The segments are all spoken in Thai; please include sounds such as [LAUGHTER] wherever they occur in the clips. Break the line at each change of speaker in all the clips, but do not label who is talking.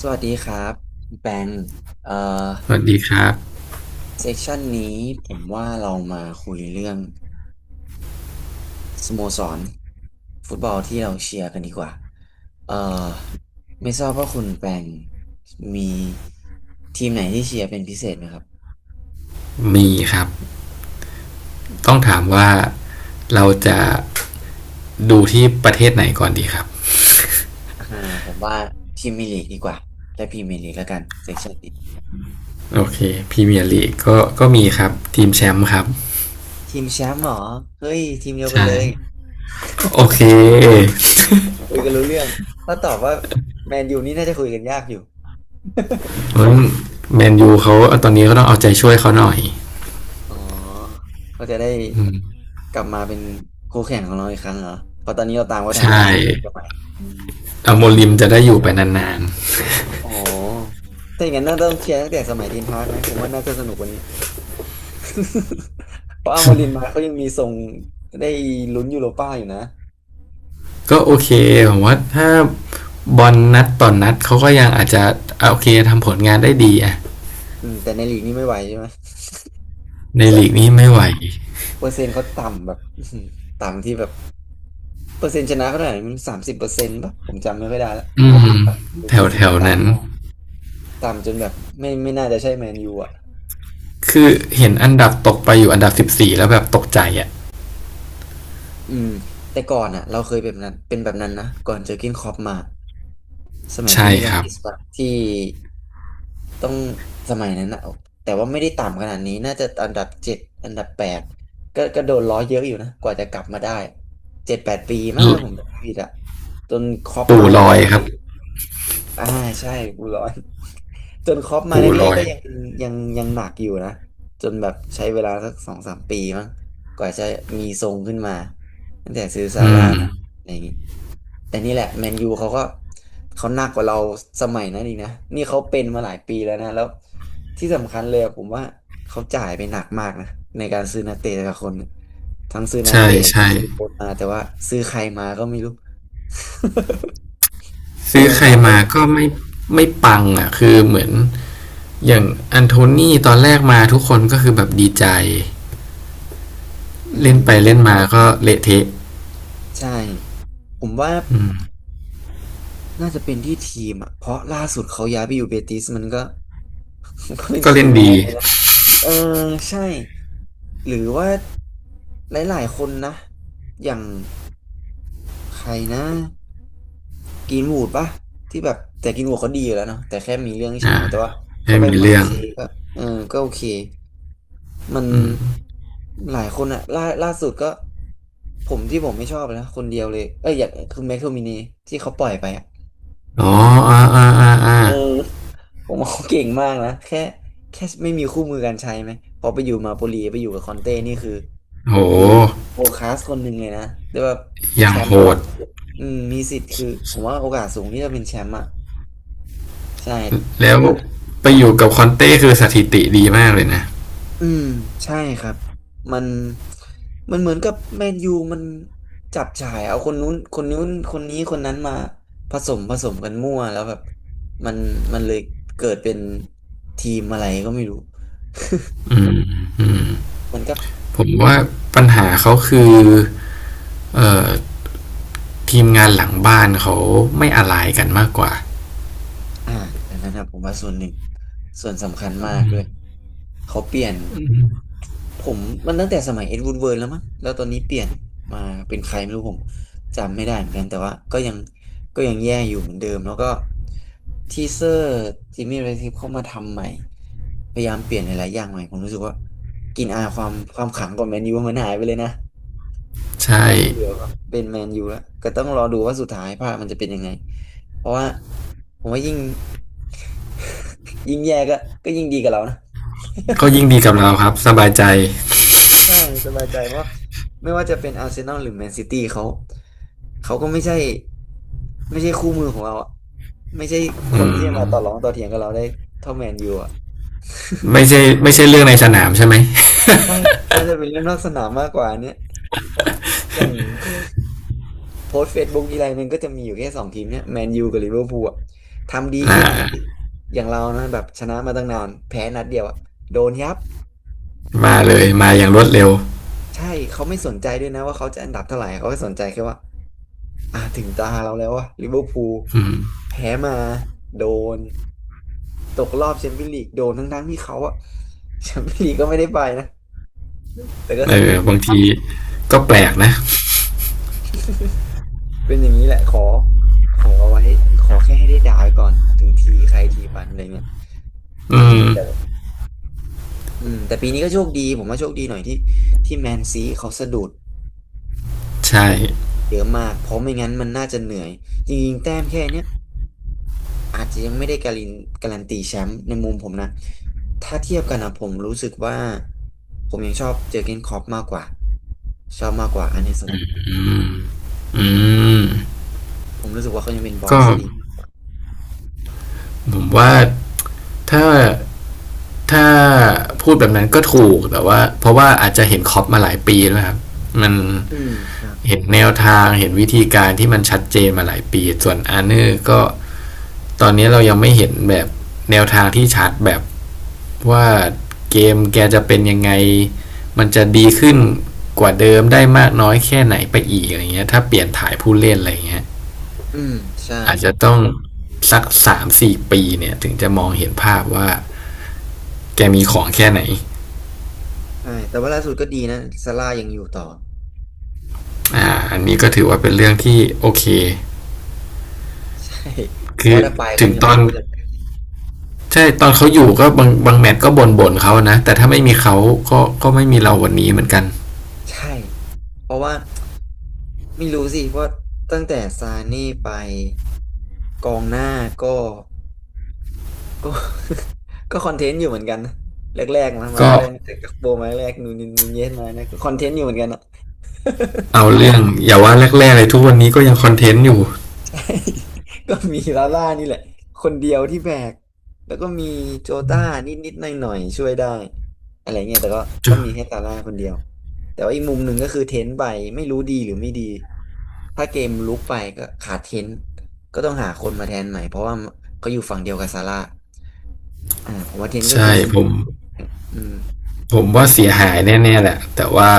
สวัสดีครับคุณแปงเอ่อ
สวัสดีครับ
เซสชันนี้ผมว่าเรามาคุยเรื่องสโมสรฟุตบอลที่เราเชียร์กันดีกว่าเอ่อไม่ทราบว่าคุณแปงมีทีมไหนที่เชียร์เป็นพิเศษไหมครับ
มีครับต้องถามว่าเราจะดูที่ประเทศไหนก่อนดีครับ
อ่าผมว่าทีมมีลีกดีกว่าและพรีเมียร์ลีกแล้วกันเซสชันนี้
โอเคพรีเมียร์ลีกก็มีครับทีมแชมป์ครับ
ทีมแชมป์เหรอเฮ้ยทีมเดียวกัน
ใช่
เลย
โอเค
คุยกันรู้เรื่องถ้าตอบว่าแมนยูนี่น่าจะคุยกันยากอยู่
เพราะแมนยูเขาตอนนี้ก็ต้องเอาใจช่วยเขาหน่อย
อ๋อเขาจะได้
อืม
กลับมาเป็นคู่แข่งของเราอีกครั้งเหรอเพราะตอนนี้เราตามเขาทันแล้ว
ใช่
นะ20กว่าไปม
อโมลิมจะได้อยู่ไปนานๆ [LAUGHS] [COUGHS]
อ๋อถ้าอย่างนั้นน่าต้องเชียร์ตั้งแต่สมัยเทนฮากไหมผมว่าน่าจะสนุกกว่านี้ [LAUGHS] เพราะอาโมรินมาเขายังมีทรงได้ลุ้นยูโรป้าอยู่นะ
ก็โอเคผมว่าถ้าบอลนัดต่อนนัดเขาก็ยังอาจจะโอเคทำผลงานได้ดีอะ
อืมแต่ในลีกนี่ไม่ไหวใช่ไหม
ใน
เส
ลีกนี้ไม่ไหว
เปอร์เซ็นต์เขาต่ำแบบ [LAUGHS] อื้อหือต่ำที่แบบเปอร์เซ็นต์ชนะเขาเท่าไหร่มัน30%ป่ะผมจำไม่ค่อยได้และ
อืมว
หรือ40
แถวๆนั้น
ต่ำมากต่ำจนแบบไม่น่าจะใช่แมนยูอ่ะ
คือเห็นอันดับตกไปอยู่อันดับ14แล้วแบบตกใจอ่ะ
อืมแต่ก่อนอ่ะเราเคยเป็นแบบนั้นเป็นแบบนั้นนะก่อนเจอกินคอปมาสมัยคิ
ใช่
นี่ดอ
ค
น
รับ
กิสปะที่ต้องสมัยนั้นนะแต่ว่าไม่ได้ต่ำขนาดนี้น่าจะอันดับ 7อันดับ 8ก็โดนล้อเยอะอยู่นะกว่าจะกลับมาได้7-8 ปีมากนะผมจำไม่ผิดอะจนคอป
ปู่
มาแร
ลอย
กๆ
ค
ก็
รับ
อ่าใช่กูร้อน [LAUGHS] จนครอปมาแร
ปู่
ก
ลอ
ๆ
ย
ก็ยังยังหนักอยู่นะจนแบบใช้เวลาสัก2-3 ปีมั้งกว่าจะมีทรงขึ้นมาตั้งแต่ซื้อซา
อื
ร่า
ม
มาอะไรอย่างงี้แต่นี่แหละแมนยูเขาก็เขาหนักกว่าเราสมัยนั้นอีกนะนี่เขาเป็นมาหลายปีแล้วนะแล้วที่สำคัญเลยอะผมว่าเขาจ่ายไปหนักมากนะในการซื้อนักเตะแต่ละคนทั้งซื้อนัก
ใช่
เตะ
ใช่
ซื้อโค้ชมาแต่ว่าซื้อใครมาก็ไม่รู้ [LAUGHS] ผม
ซื้อ
สง
ใคร
สารเขา
มาก็ไม่ไม่ปังอ่ะคือเหมือนอย่างอันโทนี่ตอนแรกมาทุกคนก็คือแบบดีใจ
อื
เล่นไป
ม
เล่นมาก็เละเทะ
ใช่ ผมว่าน่าจะเป็นที่ทีมอ่ะ เพราะล่าสุดเขาย้ายไปอยู่เบติสมันก็ [LAUGHS] มันก็เป็น
ก็
คี
เล่น
ย์แม
ดี
นเลยนะเออใช่หรือว่าหลายๆคนนะอย่างใครนะกินวูดปะที่แบบแต่กินวูดเขาดีอยู่แล้วเนาะแต่แค่มีเรื่องเฉา
อ่า
แต่ว่าเขา
ไม่
ไป
มี
หมา
เรื่อง
เซย์ก็เออก็โอเคมันหลายคนอะล่าสุดก็ผมที่ผมไม่ชอบนะคนเดียวเลยเอ้ยอย่างคือแม็กโทมินีที่เขาปล่อยไปอะ
อ๋ออ่า
เออผมว่าเขาเก่งมากนะแค่ไม่มีคู่มือการใช้ไหมพอไปอยู่มาโปลีไปอยู่กับคอนเต้นี่คือ
โ
คือ
ห
โวคลาสคนหนึ่งเลยนะแต่ว่า
อ
แช
ย่าง
ม
โห
ป์แล้ว
ด
อ่ะอืมมีสิทธิ์คือผมว่าโอกาสสูงที่จะเป็นแชมป์อ่ะใช่
แล้ว
ถ้า
ไปอยู่กับคอนเต้คือสถิติดีมากเลยนะ
อืมใช่ครับมันมันเหมือนกับแมนยูมันจับฉ่ายเอาคนนู้นคนนู้นคนนี้คนนั้นมาผสมผสมกันมั่วแล้วแบบมันมันเลยเกิดเป็นทีมอะไรก็ไม่รู้มันก็
ผมว่าปัญหาเขาคือเอ่อทีมงานหลังบ้านเขาไม่อะไรกันมากกว่า
อ่าอันนั้นนะผมว่าส่วนหนึ่งส่วนสำคัญมากด้วยเขาเปลี่ยนผมมันตั้งแต่สมัยเอ็ดวูดเวิร์ดแล้วมั้งแล้วตอนนี้เปลี่ยนมาเป็นใครไม่รู้ผมจำไม่ได้เหมือนกันแต่ว่าก็ยังแย่อยู่เหมือนเดิมแล้วก็ทีเซอร์จิมมี่เรทิฟเข้ามาทำใหม่พยายามเปลี่ยนหลายๆอย่างใหม่ผมรู้สึกว่ากินอาความขลังของแมนยูมันหายไปเลยนะ แท
ใช่
บไม่เหลือครับเป็นแมนยูแล้วก็ต้องรอดูว่าสุดท้ายภาพมันจะเป็นยังไงเพราะว่าผมว่ายิ่ง [LAUGHS] ยิ่งแย่ก็ยิ่งดีกับเรานะ
ก็ยิ่งดีกับเราครับสบายใจ
ใช่สบายใจเพราะไม่ว่าจะเป็นอาร์เซนอลหรือแมนซิตี้เขาเขาก็ไม่ใช่คู่มือของเราอะไม่ใช่ค
อื
นที่จะมา
ม
ต่อรองต่อเถียงกับเราได้เท่าแมนยูอ่ะ
ไม่ใช่เรื่องในสนามใช่ไหม
ใช่น่าจะเป็นเรื่องนอกสนามมากกว่าอันเนี้ยเพราะอย่าง โพสตเฟซบุ๊กทีไรมันก็จะมีอยู่แค่สองทีมเนี่ยแมนยูกับลิเวอร์พูลอะทำดี
อ่
แค่ไหน
า
อย่างเรานะแบบชนะมาตั้งนานแพ้นัดเดียวอะโดนยับ
มาเลยมาอย่างรวดเร็ว
ใช่เขาไม่สนใจด้วยนะว่าเขาจะอันดับเท่าไหร่เขาก็สนใจแค่ว่าถึงตาเราแล้วว่าลิเวอร์พูล
อืม
แพ้มาโดนตกรอบแชมเปี้ยนลีกโดนทั้งๆที่เขาอะ [LAUGHS] แชมเปี้ยนลีกก็ไม่ได้ไปนะแต่ก็
เอ
สนุ
อ
ก
บางทีก็
อื
แปลก
ม
นะ
เป็นอย่างนี้แหละขอขอไว้ขอแค่ให้ได้ด่าไว้ก่อนถึงทีใครทีมันอะไรเงี้ยอื
อื
ม
ม
อืมแต่ปีนี้ก็โชคดีผมว่าโชคดีหน่อยที่แมนซีเขาสะดุด
ใช่
เยอะมากเพราะไม่งั้นมันน่าจะเหนื่อยจริงๆแต้มแค่เนี้ยอาจจะยังไม่ได้การันตีแชมป์ในมุมผมนะถ้าเทียบกันนะผมรู้สึกว่าผมยังชอบเจอร์เก้นคล็อปมากกว่าชอบมากกว่าอันเนสลอต
อืม
ผมรู้สึกว่าเขายังเป็นบอ
ก็
สที่ดี
ผมว่าถ้าถ้าพูดแบบนั้นก็ถูกแต่ว่าเพราะว่าอาจจะเห็นคล็อปมาหลายปีแล้วครับมัน
อืมครับ
เห็นแนวทางเห็นวิธีการที่มันชัดเจนมาหลายปีส่วนอาร์เนอร์ก็ตอนนี้เรายังไม่เห็นแบบแนวทางที่ชัดแบบว่าเกมแกจะเป็นยังไงมันจะดีขึ้นกว่าเดิมได้มากน้อยแค่ไหนไปอีกอะไรเงี้ยถ้าเปลี่ยนถ่ายผู้เล่นอะไรเงี้ย
อืมใช่
อาจจะต้อง3 ถึง 4ปีเนี่ยถึงจะมองเห็นภาพว่าแกมีของแค่ไหน
ใช่แต่ว่าล่าสุดก็ดีนะซาร่ายังอยู่ต่อ
อ่าอันนี้ก็ถือว่าเป็นเรื่องที่โอเค
[LAUGHS] ใช่เพ
คื
ราะ
อ
ว่าถ้าไปก็
ถึง
ยัง
ต
ไม่
อน
รู้จะ
ใช่ตอนเขาอยู่ก็บางแมตช์ก็บ่นเขานะแต่ถ้าไม่มีเขาก็ไม่มีเราวันนี้เหมือนกัน
ใช่ เพราะว่าไม่รู้สิ เพราะตั้งแต่ซานี่ไปกองหน้าก็ก็ [LAUGHS] ก็คอนเทนต์อยู่เหมือนกันนะแรกๆมา
ก็
แรกๆแต่กักโบมาแรกๆนูนเย็นมาเนี่ยก็คอนเทนต์อยู่เหมือนกันอะ
เอาเรื่องอย่าว่าแรกๆเลยทุกวันนี้ก็ยังคอนเทนต์อยู่
ใช่ [LAUGHS] ก็มีลาล่านี่แหละคนเดียวที่แบกแล้วก็มีโจต้านิดๆหน่อยๆช่วยได้อะไรเงี้ยแต่ก็ก็มีแค่ลาล่าคนเดียวแต่ว่าอีกมุมหนึ่งก็คือเทนไปไม่รู้ดีหรือไม่ดีถ้าเกมลุกไปก็ขาดเทนก็ต้องหาคนมาแทนใหม่เพราะว่าเขาอยู่ฝั่งเดียวกับซาร่าอ่าผมว่าเทนก็คื
ใช่
อคีย์
ผม
อืม
ผม
ถึ
ว่า
งแม้
เสียหายแน่ๆแหละแต่ว่า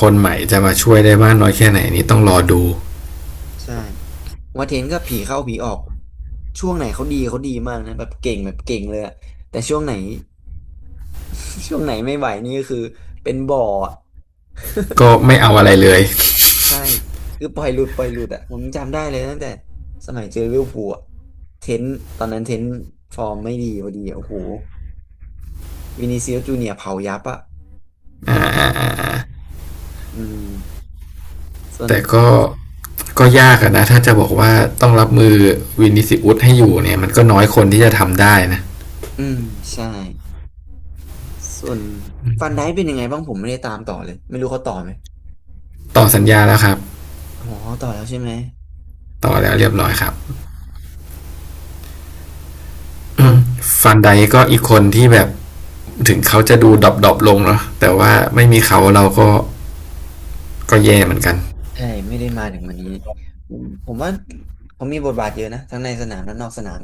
คนใหม่จะมาช่วยได้มากน้อยแค่ไหนนี่ต้องรอดู
ใช่ผมว่าเทนก็ผีเข้าผีออกช่วงไหนเขาดีเขาดีมากนะแบบเก่งแบบเก่งเลยอะแต่ช่วงไหน [LAUGHS] ช่วงไหนไม่ไหวนี่ก็คือเป็นบ่ออะ
ก็ไม่
[LAUGHS]
เอา
เจ็บ
อะ
ค
ไร
รับ
เลย
ใช่คือปล่อยหลุดปล่อยหลุดอ่ะผมจำได้เลยตั้งแต่สมัยเจอลิเวอร์พูลอะเทนต์ตอนนั้นเทนต์ฟอร์มไม่ดีพอดีอะโอ้โหวินิซิอุสจูเนียร์เผายับอ่ะอืมส่วน
แต่ก็ก็ยากอะนะถ้าจะบอกว่าต้องรับมือวินิสิอุสให้อยู่เนี่ยมันก็น้อยคนที่จะทำได้นะ
อืมใช่ส่วนฟันไดเป็นยังไงบ้างผมไม่ได้ตามต่อเลยไม่รู้เขาต่อไหม
ต่อสัญญาแล้วครับ
อ๋อต่อแล้วใช่ไหม
ต่อแล้วเรียบร้อยครับ
เอ๊ะก็
ฟันไดก็อีกคนที่แบบถึงเขาจะดูดรอปดๆลงเนาะแต่ว่าไม่มีเขาเราก็แย่เหมือนกัน
ใช่ไม่ได้มาถึงวันนี้ผมว่าเขามีบทบาทเยอะนะทั้งในสนามและนอกสนาม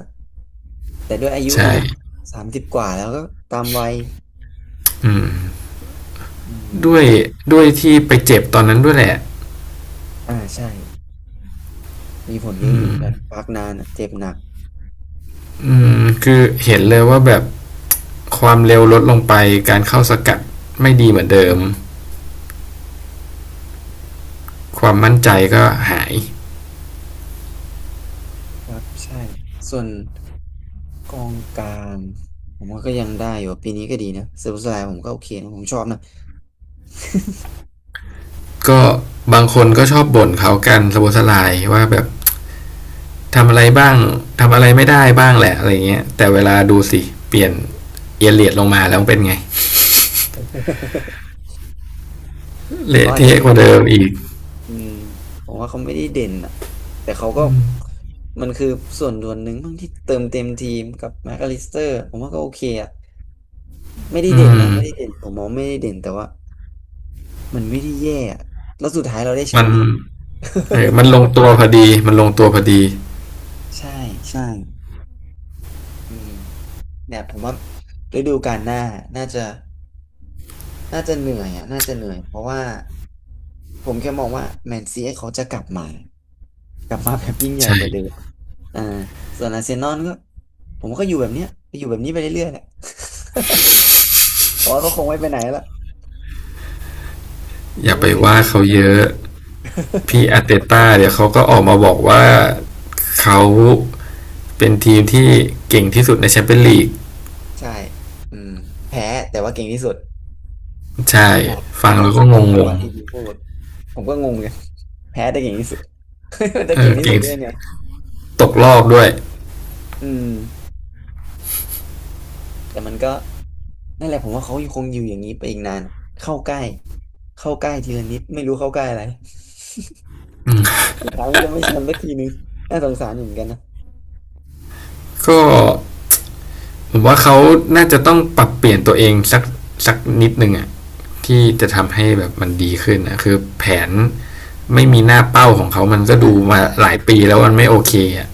แต่ด้วยอายุแหละ
ใช่
เนาะสามสิบกว่าแล้วก็ตามวัยอื
ด้วย
ม
ด้วยที่ไปเจ็บตอนนั้นด้วยแหละ
อ่าใช่มีผลเยอะอยู่เหมือนกันพักนานอะเจ็บหนัก
อืมคือเห็นเลยว่าแบบความเร็วลดลงไปการเข้าสกัดไม่ดีเหมือนเดิมความมั่นใจก็หาย
ครับใช่ส่วนกองกลางผมว่าก็ยังได้อยู่ปีนี้ก็ดีนะเซบูสไลผมก็โอเคนะผมชอบนะ
ก็บางคนก็ชอบบ่นเขากันสะบดสะลายว่าแบบทำอะไรบ้างทำอะไรไม่ได้บ้างแหละอะไรเงี้ยแต่เวลาดูสิเปลี่ยนเอเลียดลงมาแล้วเป็นไง
[LAUGHS] เขา
เละ
อาจจะ
เทะ
ไม่
กว่าเดิมอีก
อืมผมว่าเขาไม่ได้เด่นอ่ะแต่เขาก็มันคือส่วนหนึ่งบ้างที่เติมเต็มทีมกับแม็กอลิสเตอร์ผมว่าก็โอเคอ่ะไม่ได้
อื
เด่นนะ
ม
ไม่ได้เด่นผมมองไม่ได้เด่นแต่ว่า มันไม่ได้แย่อะแล้วสุดท้ายเราได้แช
มั
ม
น
ป์ไง
เออมันลงตัวพอดี มันลงตัวพอดี
[LAUGHS] ใช่ใช่อืมเนี่ยผมว่าฤดูกาลหน้าน่าจะน่าจะเหนื่อยอ่ะน่าจะเหนื่อยเพราะว่าผมแค่มองว่าแมนซีเขาจะกลับมา กลับมาแบบยิ่งใหญ่
ใช่
กว่าเดิมอ่าส่วนอาร์เซนอลก็ผมก็อยู่แบบเนี้ยก็อยู่แบบนี้ไปเรื่อยๆแหละเพราะว่าเขาคงไม่ไปไหนละ
อ
เขา
ย่า
ค
ไป
งจะอยู่
ว่า
แบบนี้
เขา
แหละ
เยอะ พี่อาร์เตต้าเดี๋ยวเขาก็ออกมาบอกว่าเขาเป็นทีมที่เก่งที่สุดในแชมเปี้ยนลีก
ใช่อืมแพ้แต่ว่าเก่งที่สุด
ใช่
ขนาด
ฟั
มา
ง
นั่ง
แล้วก็
สำร
ง
อง
ง
ของ
ง
ปาร์ตี้ลิงพูด ผมก็งงไง [LAUGHS] แพ้ได้เก่งที่สุด [LAUGHS] มัน
ๆ
จะ
เอ
เก่
อ
งที่สุ
เก่
ด
ง
ได้ยังไง
ตกรอบด้วย
อืมแต่มันก็นั่นแหละผมว่าเขายังคงอยู่อย่างนี้ไปอีกนานเข้าใกล้เข้าใกล้ทีละนิดไม่รู้เข้าใกล้อะไร [LAUGHS] สุดท้ายมันก็ไม่แชมป์สักทีนึงน่าสงสารอยู่เหมือนกันนะ
ก็ ผมว่าเขาน่าจะต้องปรับเปลี่ยนตัวเองสักนิดนึงอะที่จะทำให้แบบมันดีขึ้นนะคือแผนไม่มีหน้าเป้าของเขามันก็
อ่า
ดูมา
ใช่
หลายปีแล้วมันไม่โอเคอะ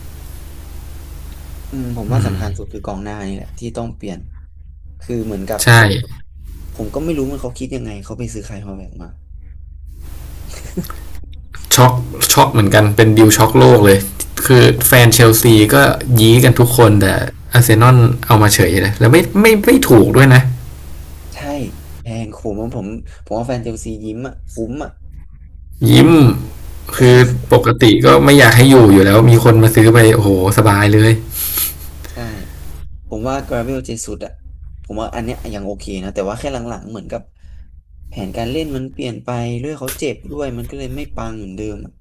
อืมผมว่าสำคัญสุดคือกองหน้านี่แหละที่ต้องเปลี่ยนคือเหมือนกับ
ใช่
ผมก็ไม่รู้ว่าเขาคิดยังไงเขาไปซื้อใครฮอลแลนด์มา
ช็อกช็อกเหมือนกันเป็นดิวช็อกโลกเลยคือแฟนเชลซีก็ยี้กันทุกคนแต่อาร์เซนอลเอามาเฉยเลยแล้วไม่ถูกด้วยนะ
ใช่แพงผมว่าผมผมว่าแฟนเชลซียิ้มอ่ะคุ้มอ่ะ
ยิ้มคือปกติก็ไม่อยากให้อยู่อยู่แล้วมีคนมาซื้อไปโอ้โหสบายเลย
ใช่ ผมว่า Gravel เจสุดอะผมว่าอันเนี้ยยังโอเคนะแต่ว่าแค่หลังๆเหมือนกับแผนการเล่นมันเปลี่ยนไปด้วยเขาเจ็บด้วยมันก็เลยไม่ปังเหมือนเดิมอะ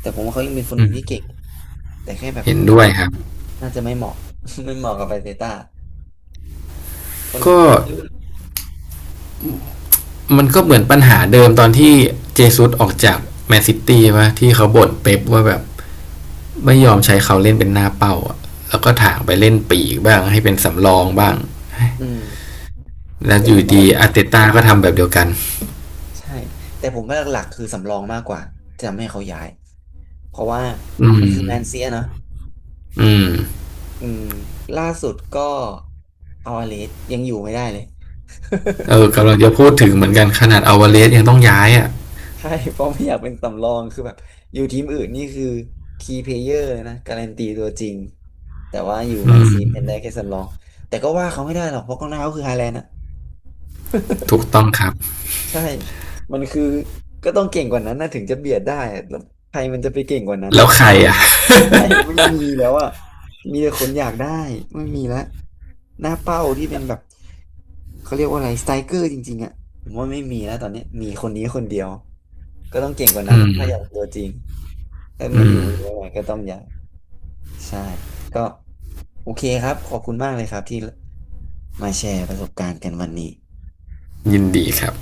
แต่ผมว่าเขายังเป็นคนหนึ่งที่เก่งแต่แค่แบบ
เห็นด้วยครับ
น่าจะไม่เหมาะ [LAUGHS] ไม่เหมาะกับไปาเตต้าคน
ก็
ไม่รู้
มันก็เหมือนปัญหาเดิมตอนที่เจซุสออกจากแมนซิตี้ว่าที่เขาบ่นเป๊ปว่าแบบไม่ยอมใช้เขาเล่นเป็นหน้าเป้าอะแล้วก็ถางไปเล่นปีกบ้างให้เป็นสำรองบ้าง
อืม
แล้ว
แต่
อ
ผ
ยู่
มว่าห
ดี
ลัก
อาร์เตต้าก็ทำแบบเดียวกัน
ใช่แต่ผมว่าหลักๆคือสำรองมากกว่าจะทำให้เขาย้ายเพราะว่า
อื
มันคือแมน
ม
เซียเนอะ
อืม
อืมล่าสุดก็เอาอาเลสยังอยู่ไม่ได้เลย
เออ
[LAUGHS]
กำลังจะพูดถึงเหมือนกันขนาดอาวาเลสยังต้องย้ายอ่ะ
ใช่ [LAUGHS] เพราะไม่อยากเป็นสำรองคือแบบอยู่ทีมอื่นนี่คือคีย์เพลเยอร์เลยนะการันตีตัวจริงแต่ว่าอยู่แม
อื
นซีเป็นได้
ม
แค่สำรองแต่ก็ว่าเขาไม่ได้หรอกเพราะกองหน้าเขาคือฮาแลนด์อะ
ถูกต้องครับ
ใช่มันคือก็ต้องเก่งกว่านั้นนะถึงจะเบียดได้อะแล้วใครมันจะไปเก่งกว่านั้น
แล้
นะ
วใครอ่ะ
ใช่ [LAUGHS] ไม่มีแล้วอ่ะมีแต่คนอยากได้ไม่มีแล้วหน้าเป้าที่เป็นแบบเขาเรียกว่าอะไรสไตรเกอร์จริงๆอ่ะผมว่าไม่มีแล้วตอนนี้มีคนนี้คนเดียวก็ต้องเก่งกว่านั้น
อื
อะถ้าอยาก
ม
ตัวจริงถ้าไม่
อื
อยู่หรือย่
ม
ไม่ไหวก็ต้องย้ายใช่ก็โอเคครับขอบคุณมากเลยครับที่มาแชร์ประสบการณ์กันวันนี้
ยินดีครับ